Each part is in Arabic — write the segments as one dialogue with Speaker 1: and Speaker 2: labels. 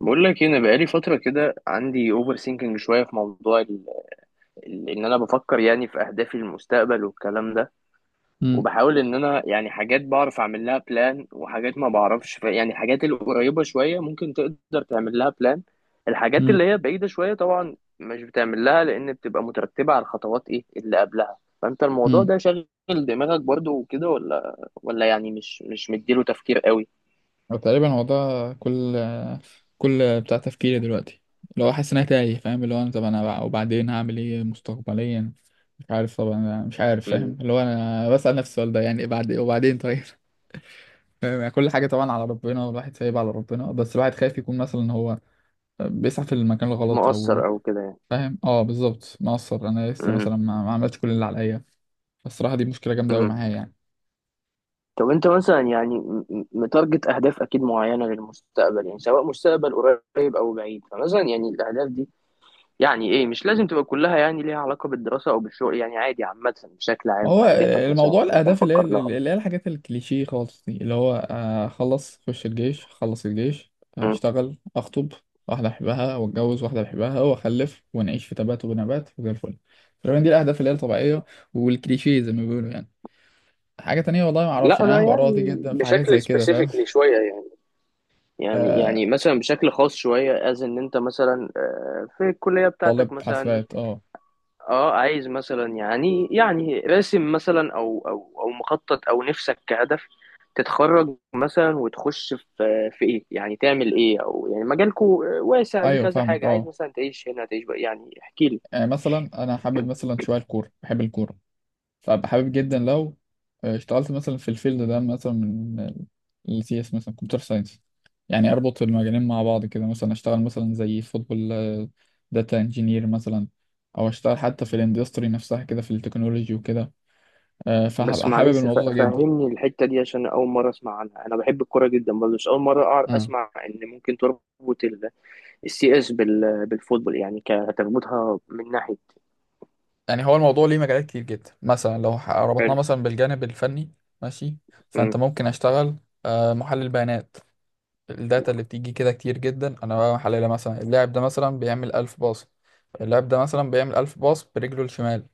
Speaker 1: بقول لك إيه، انا بقالي فتره كده عندي اوفر سينكينج شويه في موضوع ان انا بفكر يعني في اهدافي للمستقبل والكلام ده.
Speaker 2: امم
Speaker 1: وبحاول ان انا يعني حاجات بعرف اعمل لها بلان، وحاجات ما بعرفش، يعني الحاجات القريبه شويه ممكن تقدر تعمل لها بلان. الحاجات
Speaker 2: امم
Speaker 1: اللي هي بعيده شويه طبعا مش بتعمل لها، لان بتبقى مترتبه على الخطوات ايه اللي قبلها. فانت الموضوع
Speaker 2: امم
Speaker 1: ده شاغل دماغك برضو وكده، ولا يعني مش مديله تفكير قوي؟
Speaker 2: تقريبا هو ده، كل كل بتاع تفكيري دلوقتي، اللي هو حاسس ان انا تايه فاهم، اللي هو انا طب انا وبعدين هعمل ايه مستقبليا؟ مش عارف، طبعا انا مش عارف
Speaker 1: مم.
Speaker 2: فاهم، اللي هو انا بسأل نفسي السؤال ده يعني بعد وبعدين طيب فاهم؟ يعني كل حاجه طبعا على ربنا، والواحد سايب على ربنا، بس الواحد خايف يكون مثلا هو بيسعى في المكان الغلط
Speaker 1: مؤثر
Speaker 2: او
Speaker 1: او كده يعني.
Speaker 2: فاهم. اه بالظبط، مقصر، انا لسه مثلا ما عملتش كل اللي عليا. فالصراحه دي مشكله جامده قوي
Speaker 1: مم.
Speaker 2: معايا يعني.
Speaker 1: طب انت مثلا يعني متارجت اهداف اكيد معينه للمستقبل، يعني سواء مستقبل قريب او بعيد. فمثلا يعني الاهداف دي يعني ايه؟ مش لازم تبقى كلها يعني ليها علاقه بالدراسه او بالشغل، يعني عادي، عامه بشكل
Speaker 2: ما
Speaker 1: عام
Speaker 2: هو
Speaker 1: اهدافك مثلا
Speaker 2: الموضوع
Speaker 1: اللي انت
Speaker 2: الأهداف اللي هي
Speaker 1: مفكر لها.
Speaker 2: اللي هي الحاجات الكليشيه خالص دي، اللي هو أخلص أخش الجيش، أخلص الجيش،
Speaker 1: مم.
Speaker 2: أشتغل، أخطب واحدة أحبها وأتجوز واحدة بحبها وأخلف، ونعيش في تبات ونبات وزي الفل. تقريبا دي الأهداف اللي هي الطبيعية والكليشيه زي ما بيقولوا يعني. حاجة تانية والله ما أعرفش،
Speaker 1: لا،
Speaker 2: يعني أنا
Speaker 1: انا
Speaker 2: هبقى راضي
Speaker 1: يعني
Speaker 2: جدا في حاجات زي
Speaker 1: بشكل
Speaker 2: كده فاهم.
Speaker 1: سبيسيفيكلي شويه يعني يعني
Speaker 2: آه،
Speaker 1: يعني مثلا بشكل خاص شويه، از ان انت مثلا في الكليه
Speaker 2: طالب
Speaker 1: بتاعتك مثلا.
Speaker 2: حاسبات، أه.
Speaker 1: اه عايز مثلا يعني راسم مثلا او مخطط، او نفسك كهدف تتخرج مثلا وتخش في ايه، يعني تعمل ايه؟ او يعني مجالكو واسع ليه
Speaker 2: أيوه
Speaker 1: كذا
Speaker 2: فاهمك،
Speaker 1: حاجه، عايز
Speaker 2: أه.
Speaker 1: مثلا تعيش هنا، تعيش بقى؟ يعني احكي لي.
Speaker 2: يعني مثلا أنا حابب مثلا شوية الكورة، بحب الكورة، فأبقى حابب جدا لو اشتغلت مثلا في الفيلد ده، مثلا من السي اس، مثلا كمبيوتر ساينس، يعني اربط المجالين مع بعض كده، مثلا اشتغل مثلا زي فوتبول داتا انجينير مثلا، او اشتغل حتى في الاندستري نفسها كده في التكنولوجي وكده.
Speaker 1: بس
Speaker 2: فهبقى حابب
Speaker 1: معلش،
Speaker 2: الموضوع ده جدا.
Speaker 1: فهمني الحته دي عشان اول مره اسمع عنها. انا بحب الكوره جدا برضه، مش اول مره
Speaker 2: امم.
Speaker 1: اسمع ان ممكن تربط السي اس بالفوتبول. يعني كتربطها من ناحيه؟
Speaker 2: يعني هو الموضوع ليه مجالات كتير جدا، مثلا لو ربطناه
Speaker 1: حلو.
Speaker 2: مثلا بالجانب الفني، ماشي،
Speaker 1: مم.
Speaker 2: فانت ممكن اشتغل محلل بيانات. الداتا اللي بتيجي كده كتير جدا انا بقى محللها، مثلا اللاعب ده مثلا بيعمل 1000 باص، اللاعب ده مثلا بيعمل 1000 باص برجله الشمال،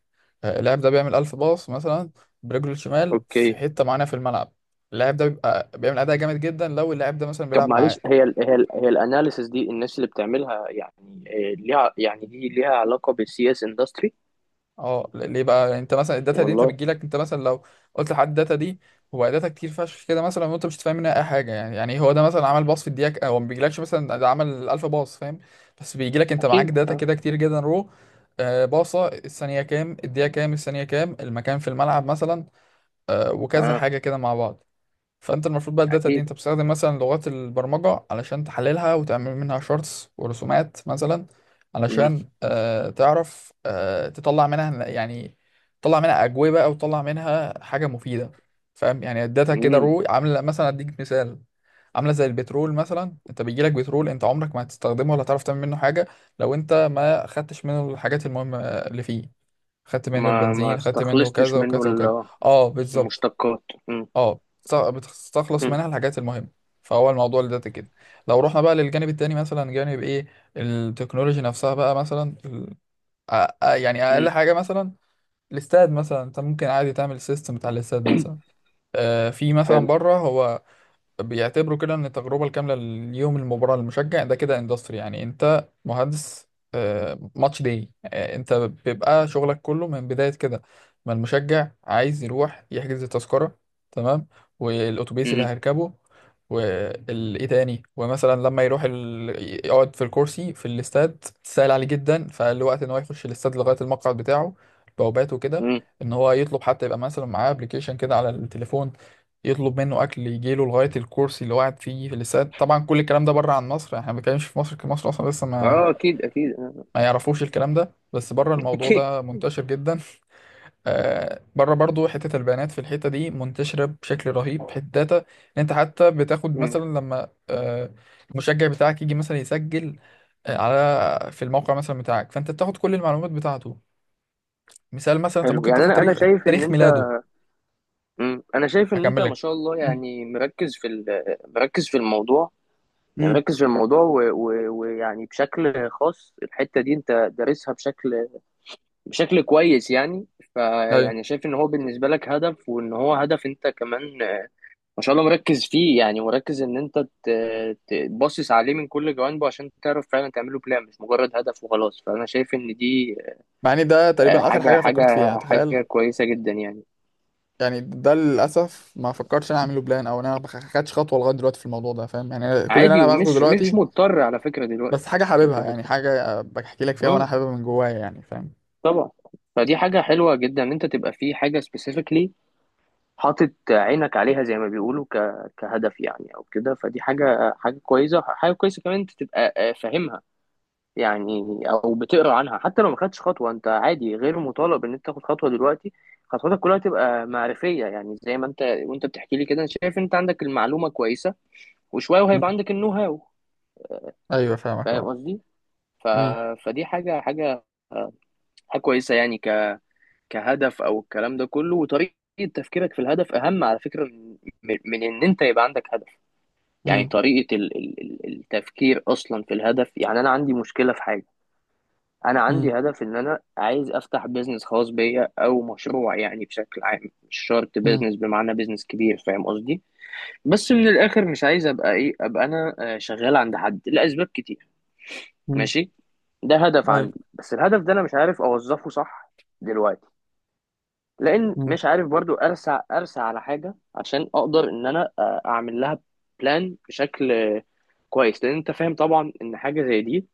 Speaker 2: اللاعب ده بيعمل 1000 باص مثلا برجله الشمال في
Speaker 1: اوكي.
Speaker 2: حتة معينة في الملعب. اللاعب ده بيبقى بيعمل أداء جامد جدا لو اللاعب ده مثلا
Speaker 1: طب
Speaker 2: بيلعب
Speaker 1: معلش،
Speaker 2: معاه.
Speaker 1: هي الاناليسيس دي الناس اللي بتعملها يعني ليها يعني، دي ليها علاقة بالسي اس اندستري؟
Speaker 2: اه، ليه بقى؟ يعني انت مثلا الداتا دي انت
Speaker 1: والله.
Speaker 2: بتجيلك، انت مثلا لو قلت لحد الداتا دي، هو داتا كتير فشخ كده مثلا، وانت مش فاهم منها اي حاجه. يعني هو ده مثلا عمل باص في الدقيقه، هو ما بيجيلكش مثلا ده عمل 1000 باص فاهم، بس بيجيلك انت معاك
Speaker 1: اكيد
Speaker 2: داتا
Speaker 1: اه.
Speaker 2: كده كتير جدا رو، آه باصه الثانيه كام، الدقيقه كام، الثانيه كام، المكان في الملعب مثلا، آه، وكذا
Speaker 1: اه
Speaker 2: حاجه كده مع بعض. فانت المفروض بقى الداتا دي
Speaker 1: اكيد
Speaker 2: انت بتستخدم مثلا لغات البرمجة علشان تحللها وتعمل منها شارتس ورسومات مثلا،
Speaker 1: امم
Speaker 2: علشان تعرف، تطلع منها يعني، تطلع منها أجوبة او تطلع منها حاجة مفيدة. فاهم؟ يعني الداتا كده
Speaker 1: امم
Speaker 2: رو عاملة مثلا، اديك مثال، عاملة زي البترول مثلا، انت بيجيلك بترول انت عمرك ما هتستخدمه ولا تعرف تعمل منه حاجة لو انت ما خدتش منه الحاجات المهمة اللي فيه، خدت منه
Speaker 1: ما ما
Speaker 2: البنزين، خدت منه
Speaker 1: استخلصتش
Speaker 2: كذا
Speaker 1: منه
Speaker 2: وكذا وكذا.
Speaker 1: ال-
Speaker 2: اه بالظبط.
Speaker 1: المشتقات امم
Speaker 2: اه، بتستخلص
Speaker 1: امم
Speaker 2: منها الحاجات المهمة. فهو الموضوع اللي ده كده. لو رحنا بقى للجانب التاني، مثلا جانب ايه، التكنولوجي نفسها بقى، مثلا أ- يعني اقل
Speaker 1: أمم.
Speaker 2: حاجة مثلا الاستاد، مثلا انت ممكن عادي تعمل سيستم بتاع الاستاد مثلا. في مثلا
Speaker 1: حلو
Speaker 2: بره هو بيعتبروا كده ان التجربه الكامله ليوم المباراه للمشجع ده كده اندستري، يعني انت مهندس ماتش داي. انت بيبقى شغلك كله من بدايه كده، ما المشجع عايز يروح يحجز التذكره، تمام، والاتوبيس اللي
Speaker 1: امم
Speaker 2: هيركبه، وايه تاني، ومثلا لما يروح ال... يقعد في الكرسي في الاستاد، سهل عليه جدا فالوقت ان هو يخش الاستاد لغايه المقعد بتاعه، بواباته كده،
Speaker 1: امم
Speaker 2: ان هو يطلب حتى يبقى مثلا معاه ابلكيشن كده على التليفون يطلب منه اكل يجي له لغايه الكرسي اللي قاعد فيه في الاستاد. طبعا كل الكلام ده بره عن مصر، يعني احنا ما بنتكلمش في مصر، مصر اصلا لسه ما
Speaker 1: اه اكيد اكيد آه.
Speaker 2: ما يعرفوش الكلام ده، بس بره الموضوع
Speaker 1: اكيد.
Speaker 2: ده منتشر جدا. بره برضو حته البيانات في الحته دي منتشره بشكل رهيب، حته داتا ان انت حتى بتاخد
Speaker 1: أمم.
Speaker 2: مثلا لما المشجع بتاعك يجي مثلا يسجل على في الموقع مثلا بتاعك، فانت بتاخد كل المعلومات بتاعته، مثال مثلا انت
Speaker 1: حلو،
Speaker 2: ممكن
Speaker 1: يعني
Speaker 2: تاخد
Speaker 1: انا
Speaker 2: تاريخ،
Speaker 1: شايف ان
Speaker 2: تاريخ
Speaker 1: انت
Speaker 2: ميلاده.
Speaker 1: أمم. انا شايف ان انت
Speaker 2: هكمل
Speaker 1: ما
Speaker 2: لك.
Speaker 1: شاء الله،
Speaker 2: مم.
Speaker 1: يعني مركز في مركز في الموضوع. يعني مركز في الموضوع، ويعني بشكل خاص الحتة دي انت دارسها بشكل كويس يعني.
Speaker 2: مم.
Speaker 1: فيعني شايف ان هو بالنسبة لك هدف، وان هو هدف انت كمان ما شاء الله مركز فيه، يعني مركز ان انت تبصص عليه من كل جوانبه عشان تعرف فعلا تعمله بلان، مش مجرد هدف وخلاص. فانا شايف ان دي
Speaker 2: مع ان ده
Speaker 1: آه،
Speaker 2: تقريبا اخر حاجه
Speaker 1: حاجة
Speaker 2: انا
Speaker 1: حاجة
Speaker 2: فكرت فيها، تخيل،
Speaker 1: حاجة كويسة جدا يعني.
Speaker 2: يعني ده للاسف ما فكرتش انا اعمله بلان، او انا ما خدتش خطوه لغايه دلوقتي في الموضوع ده فاهم، يعني أنا كل اللي
Speaker 1: عادي،
Speaker 2: انا باخده
Speaker 1: ومش مش
Speaker 2: دلوقتي
Speaker 1: مضطر على فكرة دلوقتي
Speaker 2: بس حاجه حاببها،
Speaker 1: تاخد
Speaker 2: يعني
Speaker 1: خطوة.
Speaker 2: حاجه بحكي لك فيها وانا
Speaker 1: مم،
Speaker 2: حاببها من جوايا يعني فاهم.
Speaker 1: طبعا. فدي حاجة حلوة جدا، ان انت تبقى في حاجة specifically حاطط عينك عليها، زي ما بيقولوا، كهدف يعني او كده. فدي حاجه كويسه كمان، انت تبقى فاهمها يعني، او بتقرا عنها. حتى لو ما خدتش خطوه، انت عادي غير مطالب ان انت تاخد خطوه دلوقتي. خطواتك كلها تبقى معرفيه يعني، زي ما انت وانت بتحكي لي كده انا شايف انت عندك المعلومه كويسه، وشويه
Speaker 2: مم.
Speaker 1: وهيبقى عندك النو هاو.
Speaker 2: ايوه فاهمك،
Speaker 1: فاهم
Speaker 2: اه.
Speaker 1: قصدي؟ ف...
Speaker 2: مم.
Speaker 1: فدي حاجه كويسه يعني، كهدف او الكلام ده كله. وطريقه تفكيرك في الهدف اهم على فكره، من ان انت يبقى عندك هدف. يعني
Speaker 2: مم.
Speaker 1: طريقة التفكير أصلا في الهدف. يعني أنا عندي مشكلة في حاجة، أنا
Speaker 2: مم.
Speaker 1: عندي هدف إن أنا عايز أفتح بيزنس خاص بيا أو مشروع، يعني بشكل عام مش شرط
Speaker 2: مم.
Speaker 1: بيزنس بمعنى بيزنس كبير، فاهم قصدي؟ بس من الآخر مش عايز أبقى إيه، أبقى أنا شغال عند حد لأسباب كتير.
Speaker 2: مم.
Speaker 1: ماشي. ده هدف
Speaker 2: ايوه.
Speaker 1: عندي، بس الهدف ده أنا مش عارف أوظفه صح دلوقتي. لأن
Speaker 2: مم.
Speaker 1: مش عارف برضو أرسع على حاجة عشان أقدر إن أنا أعمل لها بلان بشكل كويس. لان انت فاهم طبعا ان حاجه زي دي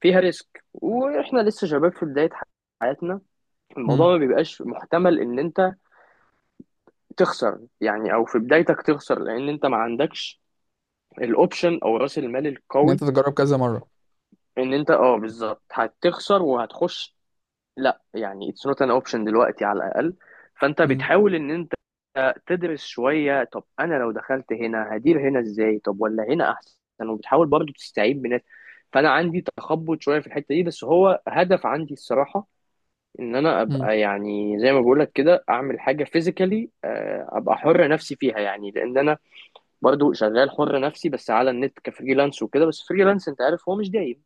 Speaker 1: فيها ريسك، واحنا لسه شباب في بدايه حياتنا. الموضوع
Speaker 2: مم.
Speaker 1: ما بيبقاش محتمل ان انت تخسر، يعني او في بدايتك تخسر، لان انت ما عندكش الاوبشن او راس المال
Speaker 2: ان انت
Speaker 1: القوي.
Speaker 2: تجرب كذا مره.
Speaker 1: ان انت اه بالظبط هتخسر وهتخش، لا يعني اتس نوت ان اوبشن دلوقتي على الاقل. فانت
Speaker 2: مم.
Speaker 1: بتحاول ان انت تدرس شويه، طب انا لو دخلت هنا هدير هنا ازاي، طب ولا هنا احسن، وبتحاول برضو تستعيد بناس. فانا عندي تخبط شويه في الحته دي، بس هو هدف عندي الصراحه، ان انا
Speaker 2: مم.
Speaker 1: ابقى يعني زي ما بقول لك كده اعمل حاجه فيزيكالي، ابقى حر نفسي فيها يعني، لان انا برضو شغال حر نفسي بس على النت كفريلانس وكده. بس فريلانس انت عارف هو مش دايم،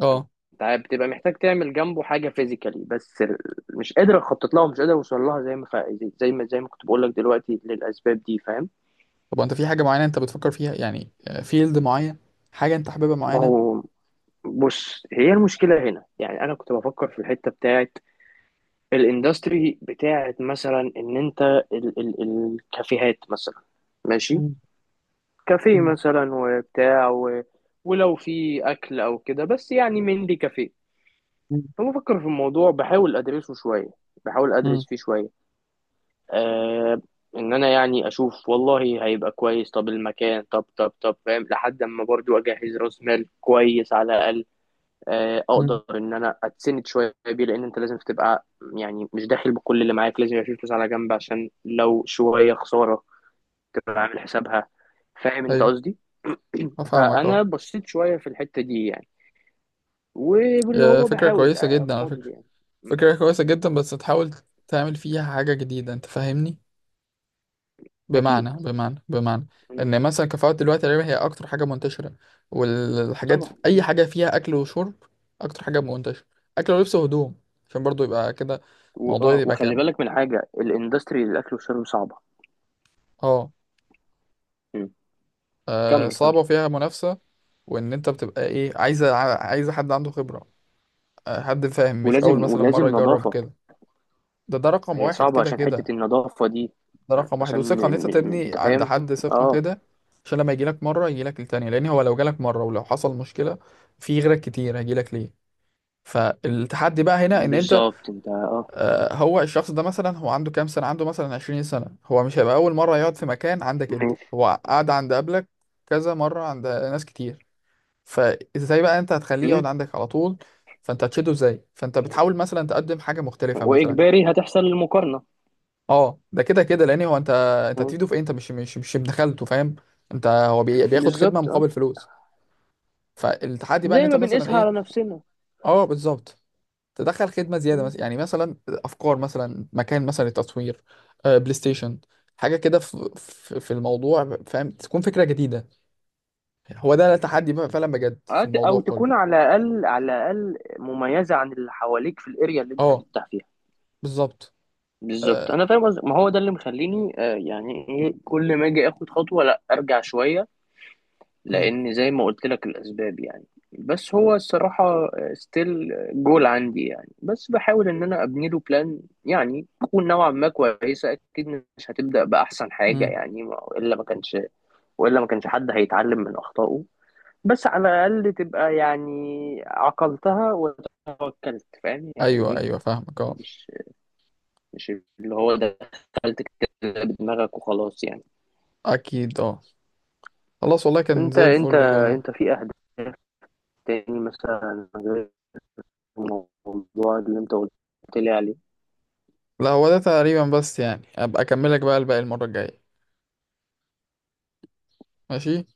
Speaker 2: اه.
Speaker 1: انت عارف بتبقى محتاج تعمل جنبه حاجه فيزيكالي، بس مش قادر اخطط لها، ومش قادر اوصل لها زي ما زي ما كنت بقول لك دلوقتي للاسباب دي، فاهم؟
Speaker 2: طب انت في حاجه معينه انت بتفكر فيها يعني؟ فيلد معين؟ حاجه انت حاببها
Speaker 1: ما
Speaker 2: معينه؟
Speaker 1: هو بص، هي المشكله هنا يعني، انا كنت بفكر في الحته بتاعت الاندستري، بتاعت مثلا ان انت ال الكافيهات مثلا. ماشي.
Speaker 2: مم.
Speaker 1: كافيه
Speaker 2: مم.
Speaker 1: مثلا، وبتاع، ولو في اكل او كده. بس يعني مين لي كافيه؟ فبفكر في الموضوع، بحاول ادرسه شويه، بحاول
Speaker 2: مم.
Speaker 1: ادرس فيه شويه آه ان انا يعني اشوف والله هيبقى كويس، طب المكان، طب فاهم، لحد اما برضو اجهز راس مال كويس على الاقل.
Speaker 2: مم.
Speaker 1: اقدر ان انا اتسند شويه بيه، لان انت لازم تبقى يعني مش داخل بكل اللي معاك، لازم يبقى في فلوس على جنب عشان لو شويه خساره تبقى عامل حسابها، فاهم انت
Speaker 2: ايوه
Speaker 1: قصدي؟
Speaker 2: افهمك، اه.
Speaker 1: فانا بصيت شويه في الحته دي يعني، واللي
Speaker 2: يا
Speaker 1: هو
Speaker 2: فكرة
Speaker 1: بحاول
Speaker 2: كويسة جدا على
Speaker 1: افاضل
Speaker 2: فكرة.
Speaker 1: يعني. م.
Speaker 2: فكرة كويسة جدا، بس تحاول تعمل فيها حاجة جديدة، انت فاهمني؟
Speaker 1: اكيد.
Speaker 2: بمعنى
Speaker 1: م.
Speaker 2: ان مثلا كفاءة دلوقتي تقريبا هي اكتر حاجة منتشرة، والحاجات
Speaker 1: طبعا.
Speaker 2: اي حاجة فيها اكل وشرب اكتر حاجة منتشرة، اكل ولبس وهدوم، عشان برضو يبقى كده الموضوع يبقى
Speaker 1: وخلي
Speaker 2: كامل.
Speaker 1: بالك من حاجة، الاندستري للأكل والشرب صعبة.
Speaker 2: اه.
Speaker 1: مم. كمل كمل.
Speaker 2: صعبة وفيها منافسة، وان انت بتبقى ايه، عايزة عايزة حد عنده خبرة، حد فاهم، مش اول
Speaker 1: ولازم
Speaker 2: مثلا
Speaker 1: ولازم
Speaker 2: مرة يجرب
Speaker 1: نظافة.
Speaker 2: كده. ده رقم
Speaker 1: هي
Speaker 2: واحد
Speaker 1: صعبة
Speaker 2: كده
Speaker 1: عشان حتة
Speaker 2: كده.
Speaker 1: النظافة دي،
Speaker 2: ده رقم واحد،
Speaker 1: عشان
Speaker 2: وثقة، ان انت تبني
Speaker 1: انت
Speaker 2: عند
Speaker 1: فاهم.
Speaker 2: حد ثقة
Speaker 1: اه
Speaker 2: كده، عشان لما يجيلك مرة يجيلك التانية، لان هو لو جالك مرة ولو حصل مشكلة في غيرك كتير هيجيلك ليه. فالتحدي بقى هنا ان انت
Speaker 1: بالظبط انت اه.
Speaker 2: هو الشخص ده مثلا، هو عنده كام سنة، عنده مثلا 20 سنة، هو مش هيبقى اول مرة يقعد في مكان عندك، انت
Speaker 1: ماشي.
Speaker 2: هو قعد عند قبلك كذا مرة عند ناس كتير، فازاي بقى انت هتخليه يقعد
Speaker 1: مم.
Speaker 2: عندك على طول؟ فانت هتشده ازاي؟ فانت بتحاول مثلا تقدم حاجة مختلفة مثلا.
Speaker 1: وإجباري هتحصل المقارنة.
Speaker 2: اه ده كده كده، لان هو انت، انت
Speaker 1: مم.
Speaker 2: هتفيده في ايه؟ انت مش بدخلته فاهم، انت هو بياخد خدمه
Speaker 1: بالظبط اه.
Speaker 2: مقابل فلوس. فالتحدي بقى ان
Speaker 1: زي
Speaker 2: انت
Speaker 1: ما
Speaker 2: مثلا
Speaker 1: بنقيسها
Speaker 2: ايه،
Speaker 1: على نفسنا.
Speaker 2: اه بالظبط، تدخل خدمه زياده
Speaker 1: مم.
Speaker 2: مثلا، يعني مثلا افكار، مثلا مكان، مثلا التصوير، بلاي ستيشن، حاجه كده في الموضوع فاهم، تكون فكره جديده، هو ده التحدي بقى فعلا بجد في الموضوع
Speaker 1: أو
Speaker 2: كله.
Speaker 1: تكون على الأقل مميزة عن اللي حواليك في الأريا اللي أنت
Speaker 2: اه
Speaker 1: هتفتح فيها.
Speaker 2: بالظبط.
Speaker 1: بالظبط،
Speaker 2: آه.
Speaker 1: انا فاهم قصدك. ما هو ده اللي مخليني يعني ايه، كل ما اجي اخد خطوه لا ارجع شويه،
Speaker 2: امم.
Speaker 1: لان زي ما قلت لك الاسباب يعني. بس هو الصراحه ستيل جول عندي يعني، بس بحاول ان انا ابني له بلان يعني تكون نوعا ما كويسه، اكيد مش هتبدا باحسن حاجه
Speaker 2: امم.
Speaker 1: يعني، والا ما كانش حد هيتعلم من اخطائه. بس على الاقل تبقى يعني عقلتها وتوكلت، فاهم يعني
Speaker 2: ايوه
Speaker 1: ايه؟
Speaker 2: ايوه فاهمك، اه.
Speaker 1: مش مش اللي هو دخلت كده بدماغك وخلاص يعني.
Speaker 2: اكيد، اه. خلاص والله كان
Speaker 1: انت،
Speaker 2: زي
Speaker 1: انت
Speaker 2: الفل.
Speaker 1: انت في اهداف تاني مثلا غير الموضوع اللي انت قلت لي عليه.
Speaker 2: لا هو ده تقريبا، بس يعني ابقى اكملك بقى الباقي المرة الجاية. ماشي.